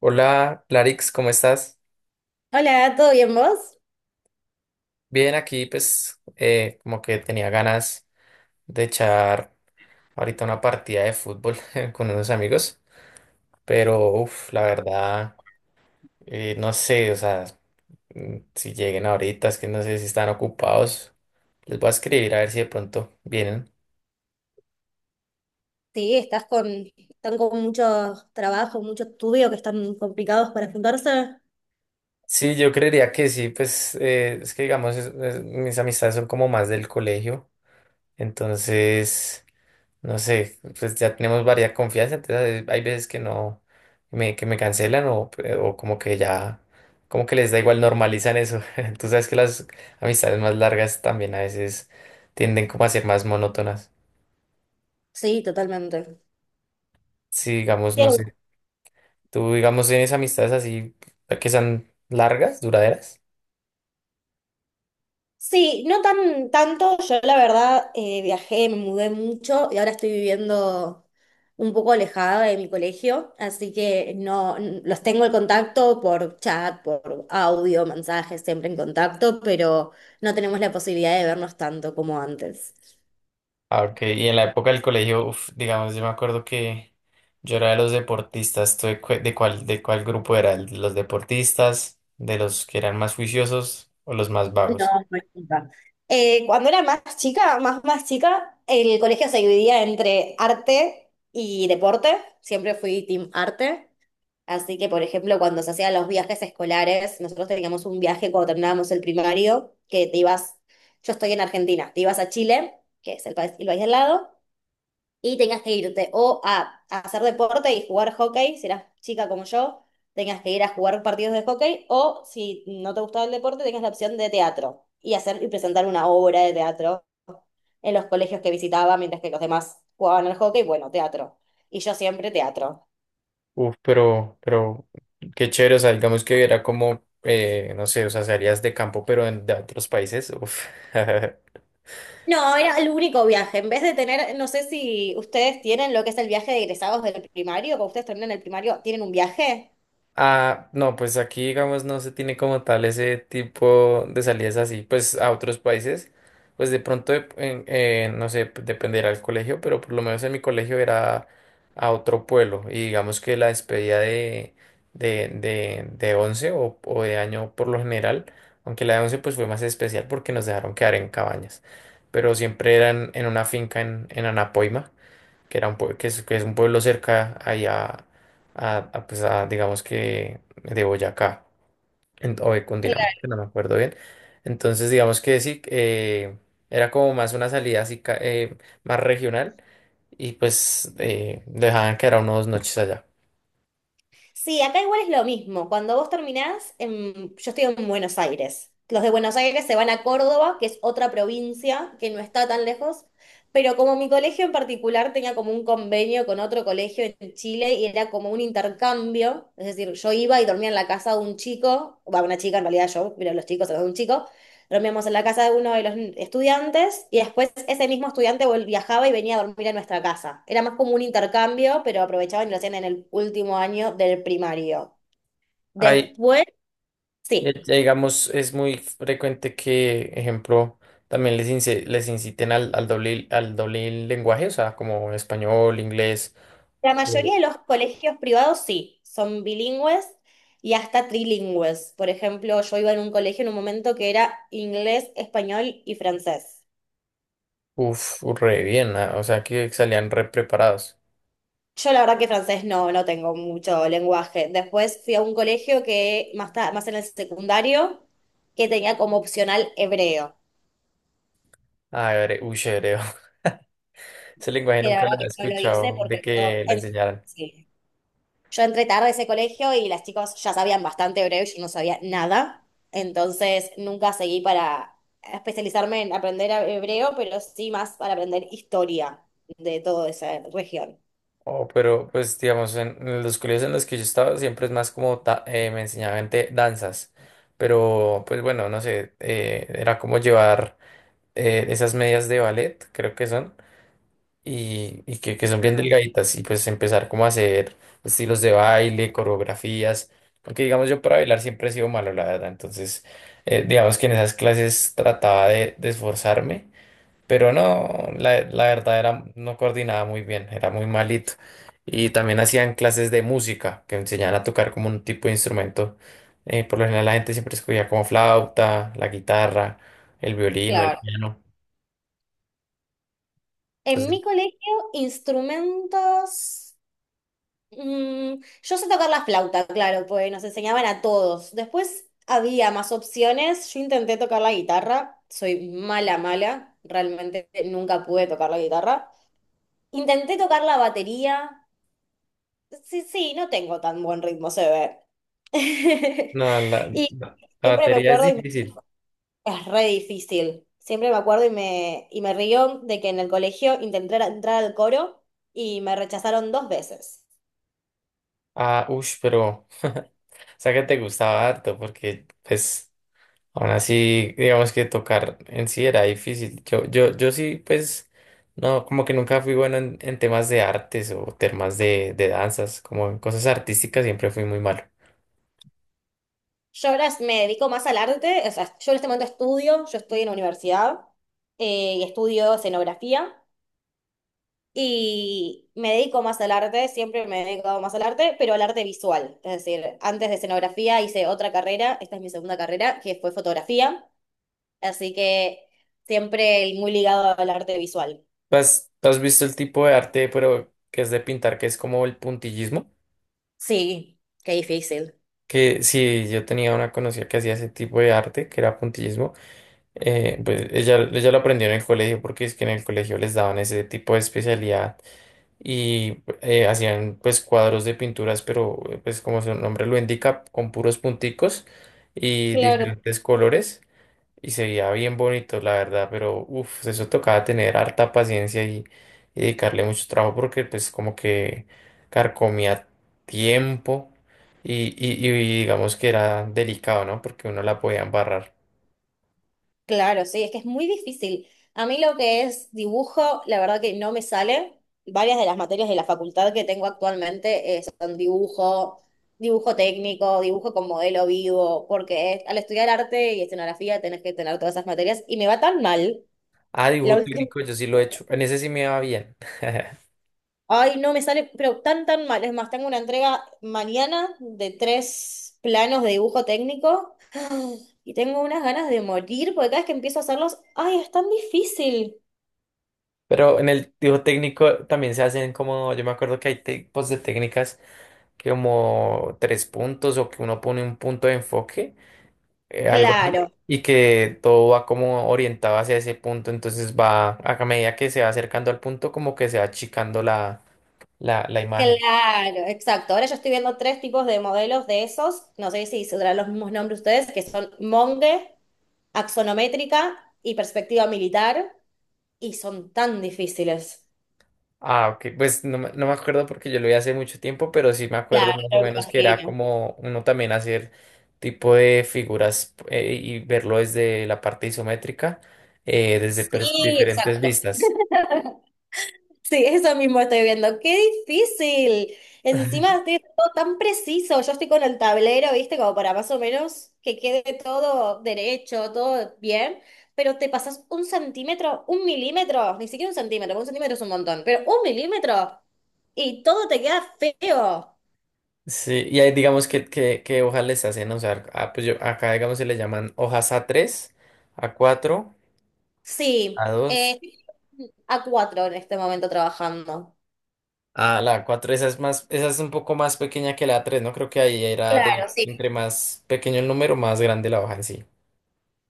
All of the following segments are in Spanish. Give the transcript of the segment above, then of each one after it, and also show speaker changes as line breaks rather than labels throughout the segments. Hola, Larix, ¿cómo estás?
Hola, ¿todo bien vos?
Bien, aquí pues como que tenía ganas de echar ahorita una partida de fútbol con unos amigos, pero uff, la verdad, no sé, o sea, si lleguen ahorita, es que no sé si están ocupados, les voy a escribir a ver si de pronto vienen.
Sí, estás con, están con mucho trabajo, mucho estudio, que están complicados para juntarse.
Sí, yo creería que sí, pues es que digamos, mis amistades son como más del colegio, entonces. No sé, pues ya tenemos varias confianza, entonces hay veces que no, que me cancelan o como que ya, como que les da igual, normalizan eso. Tú sabes que las amistades más largas también a veces tienden como a ser más monótonas.
Sí, totalmente.
Si digamos, no
Bien.
sé, tú digamos tienes amistades así que sean largas, duraderas.
Sí, no tan tanto. Yo la verdad viajé, me mudé mucho y ahora estoy viviendo un poco alejada de mi colegio, así que no n- los tengo el contacto por chat, por audio, mensajes, siempre en contacto, pero no tenemos la posibilidad de vernos tanto como antes.
Ah, ok. Y en la época del colegio, uf, digamos, yo me acuerdo que yo era de los deportistas. ¿Tú de cuál grupo era? ¿El ¿De los deportistas? ¿De los que eran más juiciosos o los más
No,
vagos?
no es culpa. Cuando era más chica, más chica, el colegio se dividía entre arte y deporte. Siempre fui team arte. Así que, por ejemplo, cuando se hacían los viajes escolares, nosotros teníamos un viaje cuando terminábamos el primario, que te ibas, yo estoy en Argentina, te ibas a Chile, que es el país al lado, y tengas que irte o a hacer deporte y jugar hockey, si eras chica como yo, tengas que ir a jugar partidos de hockey, o si no te gustaba el deporte, tengas la opción de teatro y hacer y presentar una obra de teatro en los colegios que visitaba, mientras que los demás jugaban al hockey, bueno, teatro. Y yo siempre teatro.
Uf, pero qué chévere. O sea, digamos que era como, no sé, o sea, salías de campo, de otros países. Uf.
No, era el único viaje. En vez de tener, no sé si ustedes tienen lo que es el viaje de egresados del primario, cuando ustedes terminan el primario, ¿tienen un viaje?
Ah, no, pues aquí, digamos, no se tiene como tal ese tipo de salidas así, pues a otros países, pues de pronto, no sé, pues, dependerá del colegio, pero por lo menos en mi colegio era a otro pueblo y digamos que la despedida de, de 11 o de año por lo general, aunque la de 11 pues fue más especial porque nos dejaron quedar en cabañas, pero siempre eran en una finca en Anapoima que es un pueblo cerca ahí a, pues a, digamos que de Boyacá, o de Cundinamarca, no me acuerdo bien. Entonces, digamos que sí, era como más una salida así, más regional, y pues dejaban quedar unos 2 noches allá.
Sí, acá igual es lo mismo. Cuando vos terminás, yo estoy en Buenos Aires. Los de Buenos Aires se van a Córdoba, que es otra provincia que no está tan lejos, pero como mi colegio en particular tenía como un convenio con otro colegio en Chile y era como un intercambio, es decir, yo iba y dormía en la casa de un chico, va, una chica en realidad yo, pero los chicos, se de un chico, dormíamos en la casa de uno de los estudiantes y después ese mismo estudiante viajaba y venía a dormir a nuestra casa. Era más como un intercambio, pero aprovechaban y lo hacían en el último año del primario.
Ahí,
Después,
ya
sí.
digamos, es muy frecuente que, ejemplo, también les inciten al doble lenguaje, o sea, como español, inglés.
La mayoría de los colegios privados sí, son bilingües y hasta trilingües. Por ejemplo, yo iba en un colegio en un momento que era inglés, español y francés.
Uf, re bien, ah, o sea que salían re preparados.
Yo la verdad que francés no tengo mucho lenguaje. Después fui a un colegio que más en el secundario que tenía como opcional hebreo.
Ah, uy, hebreo. Ese lenguaje
Y la
nunca lo
verdad
había
que no lo hice
escuchado de
porque yo,
que lo
en-
enseñaran.
sí. Yo entré tarde a ese colegio y las chicas ya sabían bastante hebreo y yo no sabía nada. Entonces nunca seguí para especializarme en aprender hebreo, pero sí más para aprender historia de toda esa región.
Oh, pero pues digamos, en los colegios en los que yo estaba siempre es más como me enseñaban danzas. Pero pues bueno, no sé, era como llevar esas medias de ballet, creo que son. Y que son bien
Ah,
delgaditas y pues empezar como a hacer estilos de baile, coreografías, porque digamos yo para bailar siempre he sido malo, la verdad, entonces digamos que en esas clases trataba de esforzarme, pero no, la verdad era, no coordinaba muy bien, era muy malito. Y también hacían clases de música que enseñaban a tocar como un tipo de instrumento. Por lo general la gente siempre escogía como flauta, la guitarra, el violín o el
claro.
piano.
En mi
Entonces,
colegio, instrumentos. Mm, yo sé tocar la flauta, claro, pues nos enseñaban a todos. Después había más opciones. Yo intenté tocar la guitarra. Soy mala, mala. Realmente nunca pude tocar la guitarra. Intenté tocar la batería. Sí, sí, no tengo tan buen ritmo, se ve.
no, la, la
Y
la
siempre me
batería es
acuerdo.
difícil.
Es re difícil. Siempre me acuerdo y y me río de que en el colegio intenté entrar al coro y me rechazaron 2 veces.
Ah, uff, pero, o sea que te gustaba harto, porque, pues, aún así, digamos que tocar en sí era difícil. Yo sí, pues, no, como que nunca fui bueno en, temas de artes o temas de danzas, como en cosas artísticas siempre fui muy malo.
Yo ahora me dedico más al arte, o sea, yo en este momento estudio, yo estoy en la universidad y estudio escenografía y me dedico más al arte, siempre me he dedicado más al arte, pero al arte visual. Es decir, antes de escenografía hice otra carrera, esta es mi segunda carrera, que fue fotografía, así que siempre muy ligado al arte visual.
¿Tú has visto el tipo de arte, pero que es de pintar, que es como el puntillismo?
Sí, qué difícil.
Que sí, yo tenía una conocida que hacía ese tipo de arte, que era puntillismo. Pues ella lo aprendió en el colegio porque es que en el colegio les daban ese tipo de especialidad y hacían pues cuadros de pinturas, pero pues como su nombre lo indica, con puros punticos y
Claro.
diferentes colores y se veía bien bonito, la verdad, pero uff, eso tocaba tener harta paciencia y dedicarle mucho trabajo porque pues como que carcomía tiempo y digamos que era delicado, ¿no? Porque uno la podía embarrar.
Claro, sí, es que es muy difícil. A mí lo que es dibujo, la verdad que no me sale. Varias de las materias de la facultad que tengo actualmente son dibujo, dibujo técnico, dibujo con modelo vivo, porque es- al estudiar arte y escenografía tenés que tener todas esas materias y me va tan mal.
Ah,
La
dibujo
última.
técnico, yo sí lo he hecho. En ese sí me va bien.
Ay, no me sale, pero tan mal. Es más, tengo una entrega mañana de 3 planos de dibujo técnico y tengo unas ganas de morir porque cada vez que empiezo a hacerlos, ay, es tan difícil.
Pero en el dibujo técnico también se hacen como, yo me acuerdo que hay tipos de técnicas que como tres puntos o que uno pone un punto de enfoque, algo así,
Claro,
y que todo va como orientado hacia ese punto, entonces va a medida que se va acercando al punto como que se va achicando la, la imagen.
claro, exacto. Ahora yo estoy viendo 3 tipos de modelos de esos. No sé si se darán los mismos nombres ustedes, que son Monge, axonométrica y perspectiva militar, y son tan difíciles.
Ah, ok. Pues no, me no me acuerdo porque yo lo vi hace mucho tiempo, pero sí me acuerdo
Claro,
más o
me
menos que era
imagino.
como uno también hacer tipo de figuras y verlo desde la parte isométrica, desde
Sí,
diferentes
exacto.
vistas.
Sí, eso mismo estoy viendo. ¡Qué difícil! Encima estoy todo tan preciso. Yo estoy con el tablero, ¿viste? Como para más o menos que quede todo derecho, todo bien. Pero te pasas un centímetro, un milímetro, ni siquiera un centímetro es un montón, pero un milímetro y todo te queda feo.
Sí, y ahí digamos que hojas les hacen usar. Ah, pues yo, acá digamos se le llaman hojas A3, A4, a
Sí,
dos,
estoy A4 en este momento trabajando.
ah, la A4, esa es un poco más pequeña que la A3, ¿no? Creo que ahí era de
Claro, sí.
entre más pequeño el número, más grande la hoja en sí.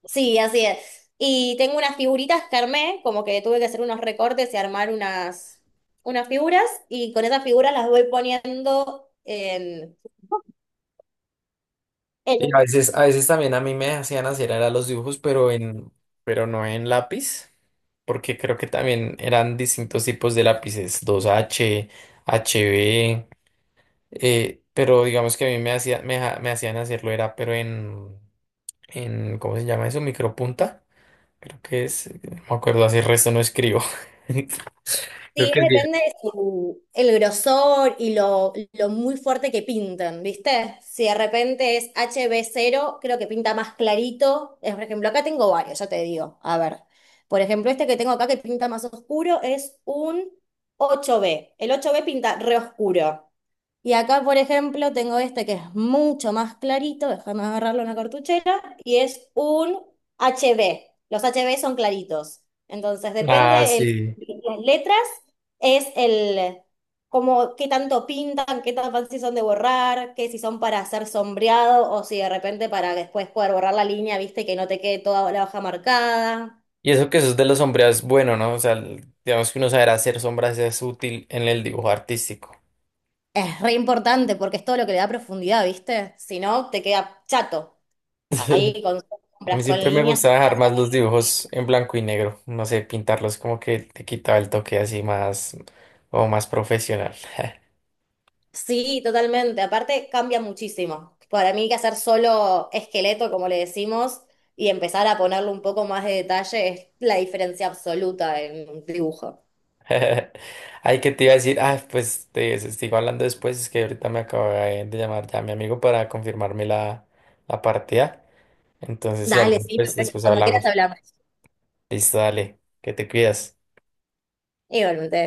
Sí, así es. Y tengo unas figuritas que armé, como que tuve que hacer unos recortes y armar unas, unas figuras, y con esas figuras las voy poniendo
Y a
en-
veces, a veces también a mí me hacían hacer era los dibujos, pero no en lápiz, porque creo que también eran distintos tipos de lápices, dos h HB, pero digamos que a mí me hacía, me hacían hacerlo era, pero en, ¿cómo se llama eso? Micropunta, creo que es, no me acuerdo, así el resto no escribo. Creo
sí,
que sí.
depende de el grosor y lo muy fuerte que pinten, ¿viste? Si de repente es HB0, creo que pinta más clarito. Es, por ejemplo, acá tengo varios, ya te digo. A ver, por ejemplo, este que tengo acá que pinta más oscuro es un 8B. El 8B pinta re oscuro. Y acá, por ejemplo, tengo este que es mucho más clarito, déjame agarrarlo en la cartuchera, y es un HB. Los HB son claritos. Entonces,
Ah,
depende el,
sí.
las letras, es el como qué tanto pintan, qué tan fácil son de borrar, que si son para hacer sombreado o si de repente para después poder borrar la línea, viste, que no te quede toda la hoja marcada.
Y eso que eso es de los sombreados, bueno, ¿no? O sea, digamos que uno saber hacer sombras es útil en el dibujo artístico.
Es re importante porque es todo lo que le da profundidad, ¿viste? Si no, te queda chato. Ahí con
A mí
sombras, con
siempre me
líneas.
gustaba dejar
Empezás
más los
a...
dibujos en blanco y negro. No sé, pintarlos como que te quitaba el toque así más profesional.
Sí, totalmente. Aparte, cambia muchísimo. Para mí, que hacer solo esqueleto, como le decimos, y empezar a ponerle un poco más de detalle es la diferencia absoluta en un dibujo.
Ay, que te iba a decir, ah, pues sigo hablando después, es que ahorita me acaba de llamar ya mi amigo para confirmarme la, partida. Entonces, si
Dale,
algo,
sí,
pues
perfecto.
después
Cuando quieras
hablamos.
hablamos.
Listo, dale, que te cuidas.
Igualmente.